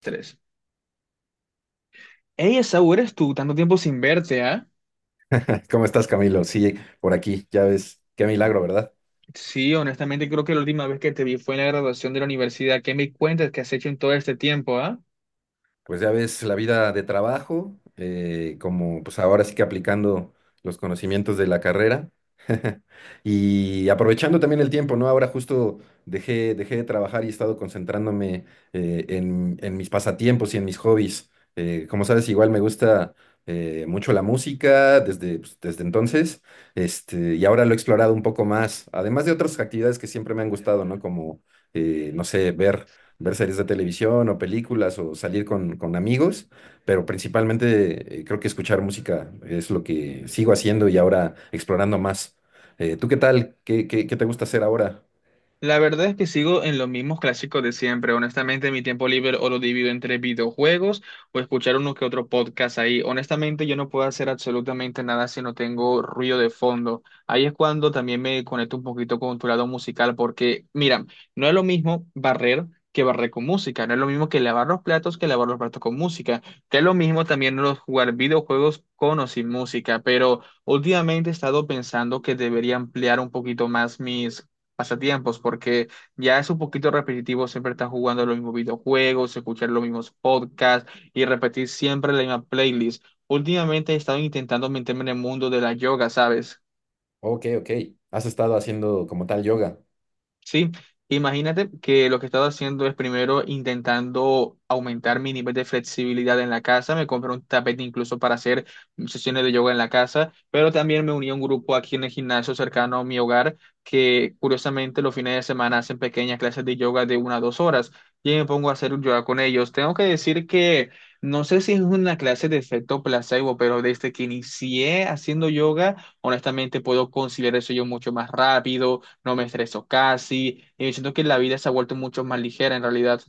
Tres. Hey, Esaú, eres tú, tanto tiempo sin verte, ¿ah? ¿Cómo estás, Camilo? Sí, por aquí, ya ves, qué milagro, ¿verdad? Sí, honestamente creo que la última vez que te vi fue en la graduación de la universidad. ¿Qué me cuentas que has hecho en todo este tiempo, ah? Pues ya ves la vida de trabajo, como pues ahora sí que aplicando los conocimientos de la carrera. Y aprovechando también el tiempo, ¿no? Ahora justo dejé de trabajar y he estado concentrándome en mis pasatiempos y en mis hobbies. Como sabes, igual me gusta mucho la música desde, pues, desde entonces, este, y ahora lo he explorado un poco más, además de otras actividades que siempre me han gustado, ¿no? Como, no sé, ver series de televisión o películas o salir con amigos, pero principalmente creo que escuchar música es lo que sigo haciendo y ahora explorando más. ¿Tú qué tal? ¿ qué te gusta hacer ahora? La verdad es que sigo en los mismos clásicos de siempre. Honestamente, mi tiempo libre o lo divido entre videojuegos o escuchar uno que otro podcast ahí. Honestamente, yo no puedo hacer absolutamente nada si no tengo ruido de fondo. Ahí es cuando también me conecto un poquito con tu lado musical, porque, mira, no es lo mismo barrer que barrer con música, no es lo mismo que lavar los platos que lavar los platos con música, que es lo mismo también los jugar videojuegos con o sin música, pero últimamente he estado pensando que debería ampliar un poquito más mis pasatiempos, porque ya es un poquito repetitivo siempre estar jugando los mismos videojuegos, escuchar los mismos podcasts y repetir siempre la misma playlist. Últimamente he estado intentando meterme en el mundo de la yoga, ¿sabes? Ok, ok. ¿Has estado haciendo como tal yoga? Sí, imagínate que lo que he estado haciendo es primero intentando aumentar mi nivel de flexibilidad en la casa. Me compré un tapete incluso para hacer sesiones de yoga en la casa, pero también me uní a un grupo aquí en el gimnasio cercano a mi hogar que curiosamente los fines de semana hacen pequeñas clases de yoga de una a dos horas y me pongo a hacer yoga con ellos. Tengo que decir que no sé si es una clase de efecto placebo, pero desde que inicié haciendo yoga, honestamente puedo conciliar eso yo mucho más rápido no me estreso casi, y yo siento que la vida se ha vuelto mucho más ligera en realidad.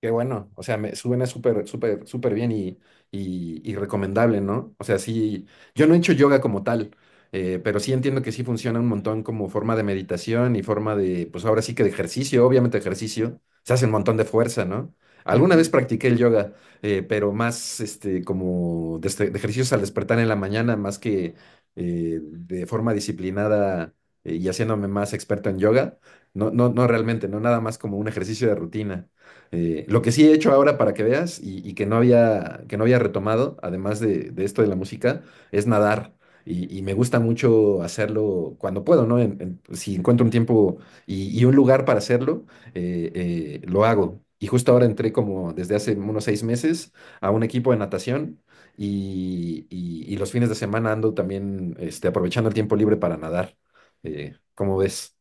Qué bueno, o sea, me suena súper, súper, súper bien y, y recomendable, ¿no? O sea, sí, yo no he hecho yoga como tal, pero sí entiendo que sí funciona un montón como forma de meditación y forma de, pues ahora sí que de ejercicio, obviamente ejercicio, se hace un montón de fuerza, ¿no? Alguna vez Ujú. practiqué el yoga, pero más este, como de, de ejercicios al despertar en la mañana, más que de forma disciplinada y haciéndome más experto en yoga, no, no, no realmente, no nada más como un ejercicio de rutina. Lo que sí he hecho ahora para que veas y que no había retomado, además de esto de la música, es nadar. Y me gusta mucho hacerlo cuando puedo, ¿no? Si encuentro un tiempo y un lugar para hacerlo, lo hago. Y justo ahora entré como desde hace unos seis meses a un equipo de natación y, y los fines de semana ando también este, aprovechando el tiempo libre para nadar. ¿Cómo ves?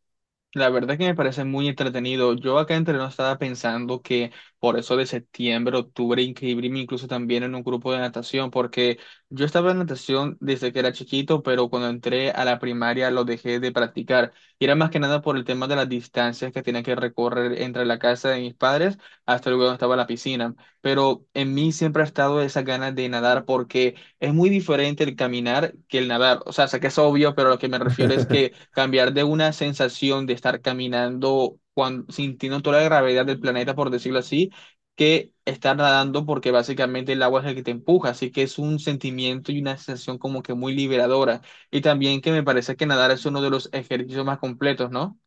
La verdad que me parece muy entretenido. Yo acá entre nos estaba pensando que por eso de septiembre, octubre, inscribirme incluso también en un grupo de natación, porque yo estaba en natación desde que era chiquito, pero cuando entré a la primaria lo dejé de practicar. Y era más que nada por el tema de las distancias que tenía que recorrer entre la casa de mis padres hasta luego donde estaba la piscina. Pero en mí siempre ha estado esa ganas de nadar porque es muy diferente el caminar que el nadar. O sea, sé que es obvio, pero lo que me refiero es que cambiar de una sensación de estar caminando sintiendo toda la gravedad del planeta, por decirlo así, que estar nadando porque básicamente el agua es el que te empuja. Así que es un sentimiento y una sensación como que muy liberadora. Y también que me parece que nadar es uno de los ejercicios más completos, ¿no?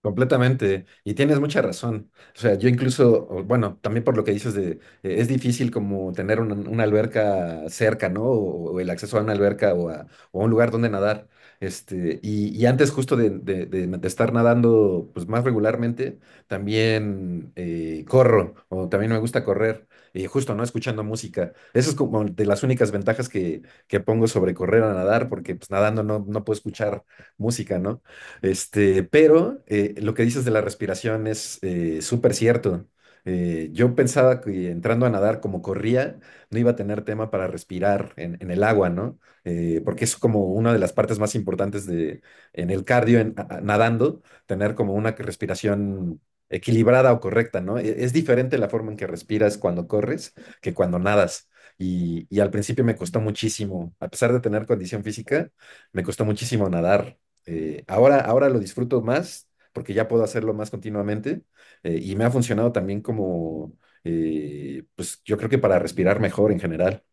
Completamente, y tienes mucha razón. O sea, yo incluso, o bueno, también por lo que dices de, es difícil como tener una alberca cerca, ¿no? O el acceso a una alberca o a un lugar donde nadar. Este, y antes justo de, de estar nadando pues más regularmente, también corro, o también me gusta correr, y justo, ¿no? Escuchando música. Eso es como de las únicas ventajas que pongo sobre correr a nadar, porque pues nadando no, no puedo escuchar música, ¿no? Este, pero lo que dices de la respiración es súper cierto. Yo pensaba que entrando a nadar como corría, no iba a tener tema para respirar en el agua, ¿no? Porque es como una de las partes más importantes de, en el cardio, nadando, tener como una respiración equilibrada o correcta, ¿no? Es diferente la forma en que respiras cuando corres que cuando nadas. Y al principio me costó muchísimo, a pesar de tener condición física, me costó muchísimo nadar. Ahora lo disfruto más porque ya puedo hacerlo más continuamente y me ha funcionado también como, pues yo creo que para respirar mejor en general.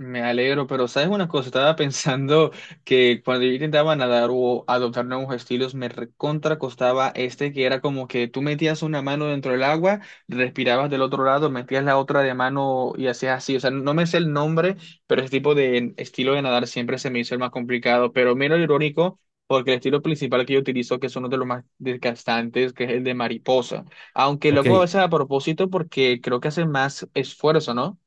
Me alegro, pero sabes una cosa, estaba pensando que cuando yo intentaba nadar o adoptar nuevos estilos, me recontra costaba que era como que tú metías una mano dentro del agua, respirabas del otro lado, metías la otra de mano y hacías así. O sea, no me sé el nombre, pero ese tipo de estilo de nadar siempre se me hizo el más complicado. Pero mira lo irónico, porque el estilo principal que yo utilizo, que es uno de los más desgastantes, que es el de mariposa. Aunque Ok. luego a veces a propósito, porque creo que hace más esfuerzo, ¿no?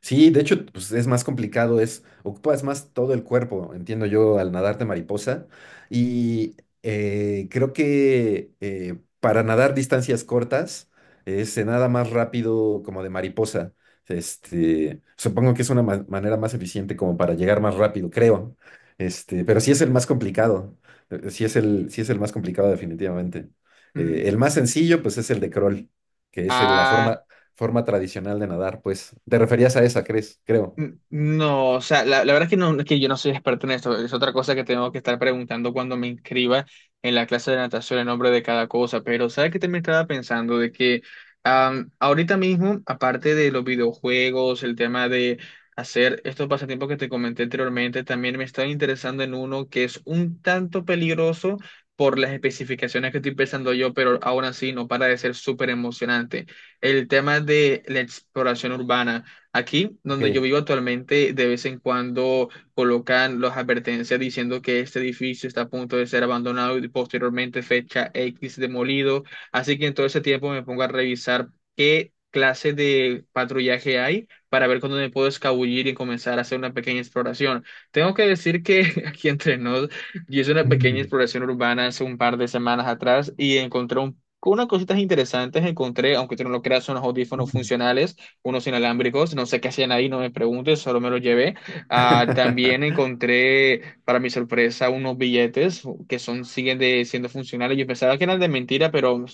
Sí, de hecho, pues es más complicado, es, ocupas más todo el cuerpo, entiendo yo, al nadarte mariposa. Y creo que para nadar distancias cortas se nada más rápido como de mariposa. Este, supongo que es una manera más eficiente como para llegar más rápido, creo. Este, pero sí es el más complicado. Sí es el más complicado, definitivamente. Mm. El más sencillo, pues es el de crawl, que es la Ah. Forma tradicional de nadar, pues. Te referías a esa, ¿crees? Creo. No, o sea, la verdad es que, no, es que yo no soy experto en esto. Es otra cosa que tengo que estar preguntando cuando me inscriba en la clase de natación el nombre de cada cosa. Pero, ¿sabes qué también estaba pensando? De que ahorita mismo, aparte de los videojuegos, el tema de hacer estos pasatiempos que te comenté anteriormente, también me estaba interesando en uno que es un tanto peligroso por las especificaciones que estoy pensando yo, pero aún así no para de ser súper emocionante. El tema de la exploración urbana. Aquí, donde yo Ok. vivo actualmente, de vez en cuando colocan las advertencias diciendo que este edificio está a punto de ser abandonado y posteriormente fecha X demolido. Así que en todo ese tiempo me pongo a revisar qué clase de patrullaje hay para ver cuándo me puedo escabullir y comenzar a hacer una pequeña exploración. Tengo que decir que aquí entre nos, yo hice una pequeña exploración urbana hace un par de semanas atrás y encontré unas cositas interesantes encontré, aunque tú no lo creas, unos audífonos funcionales unos inalámbricos, no sé qué hacían ahí, no me preguntes, solo me los llevé. Ah, también encontré, para mi sorpresa, unos billetes que son, siguen siendo funcionales. Yo pensaba que eran de mentira, pero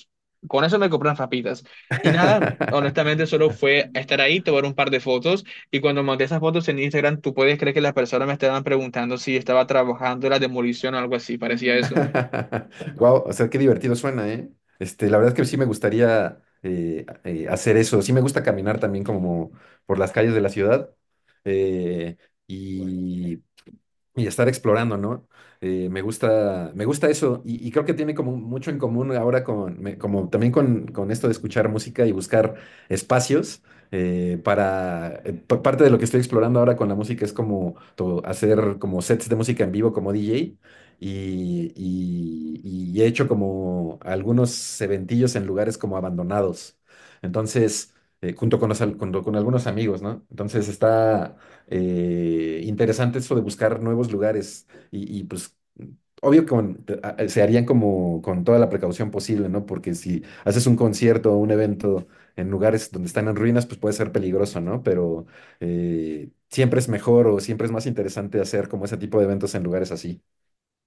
con eso me compré unas papitas. Y nada, honestamente, solo fue estar ahí, tomar un par de fotos. Y cuando monté esas fotos en Instagram, tú puedes creer que las personas me estaban preguntando si estaba trabajando en la demolición o algo así, parecía eso. Wow, o sea, qué divertido suena, ¿eh? Este, la verdad es que sí me gustaría hacer eso. Sí me gusta caminar también como por las calles de la ciudad. eh, y y estar explorando, ¿no? Me gusta, me gusta eso y creo que tiene como mucho en común ahora con, como también con esto de escuchar música y buscar espacios para, parte de lo que estoy explorando ahora con la música es como hacer como sets de música en vivo como DJ y, y he hecho como algunos eventillos en lugares como abandonados. Entonces, junto con junto con algunos amigos, ¿no? Entonces está interesante eso de buscar nuevos lugares y, pues obvio que se harían como con toda la precaución posible, ¿no? Porque si haces un concierto o un evento en lugares donde están en ruinas, pues puede ser peligroso, ¿no? Pero siempre es mejor o siempre es más interesante hacer como ese tipo de eventos en lugares así.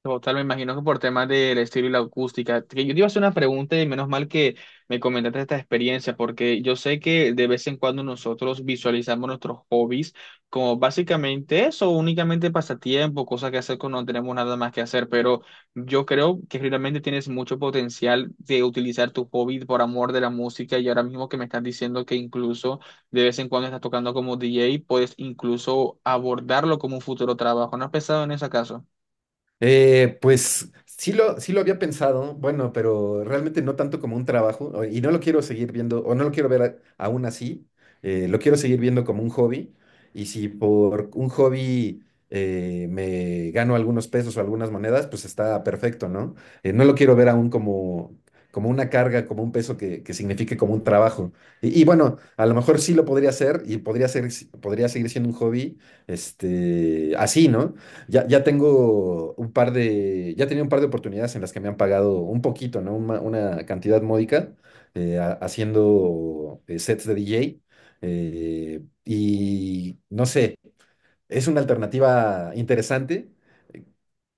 Total, me imagino que por temas del estilo y la acústica. Que yo te iba a hacer una pregunta y menos mal que me comentaste esta experiencia, porque yo sé que de vez en cuando nosotros visualizamos nuestros hobbies como básicamente eso, únicamente pasatiempo, cosas que hacer cuando no tenemos nada más que hacer, pero yo creo que realmente tienes mucho potencial de utilizar tu hobby por amor de la música y ahora mismo que me estás diciendo que incluso de vez en cuando estás tocando como DJ, puedes incluso abordarlo como un futuro trabajo. ¿No has pensado en ese caso? Pues sí lo había pensado, bueno, pero realmente no tanto como un trabajo y no lo quiero seguir viendo o no lo quiero ver aún así, lo quiero seguir viendo como un hobby y si por un hobby me gano algunos pesos o algunas monedas, pues está perfecto, ¿no? No lo quiero ver aún como, como una carga, como un peso que signifique como un trabajo. Y bueno, a lo mejor sí lo podría hacer y podría ser, podría seguir siendo un hobby, este, así, ¿no? Ya tengo un par de, ya tenía un par de oportunidades en las que me han pagado un poquito, ¿no? Una cantidad módica haciendo sets de DJ. Y no sé, es una alternativa interesante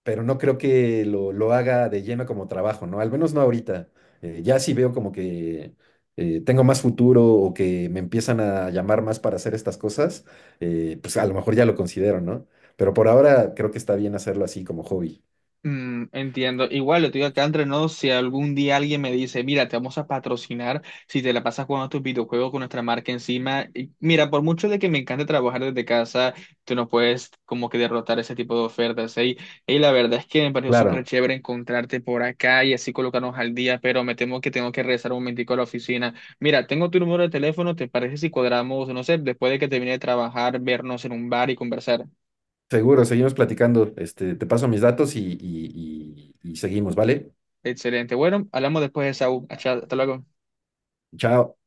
pero no creo que lo haga de lleno como trabajo, ¿no? Al menos no ahorita. Ya sí veo como que tengo más futuro o que me empiezan a llamar más para hacer estas cosas, pues a lo mejor ya lo considero, ¿no? Pero por ahora creo que está bien hacerlo así como hobby. Mm, entiendo. Igual lo digo acá entre nos, si algún día alguien me dice, mira, te vamos a patrocinar si te la pasas jugando tus videojuegos con nuestra marca encima. Y mira, por mucho de que me encante trabajar desde casa, tú no puedes como que derrotar ese tipo de ofertas. ¿Eh? Y la verdad es que me pareció súper Claro, chévere encontrarte por acá y así colocarnos al día, pero me temo que tengo que regresar un momentico a la oficina. Mira, tengo tu número de teléfono, ¿te parece si cuadramos, no sé, después de que termine de trabajar, vernos en un bar y conversar? seguro, seguimos platicando. Este, te paso mis datos y, y seguimos, ¿vale? Excelente. Bueno, hablamos después de esa. Hasta luego. Chao.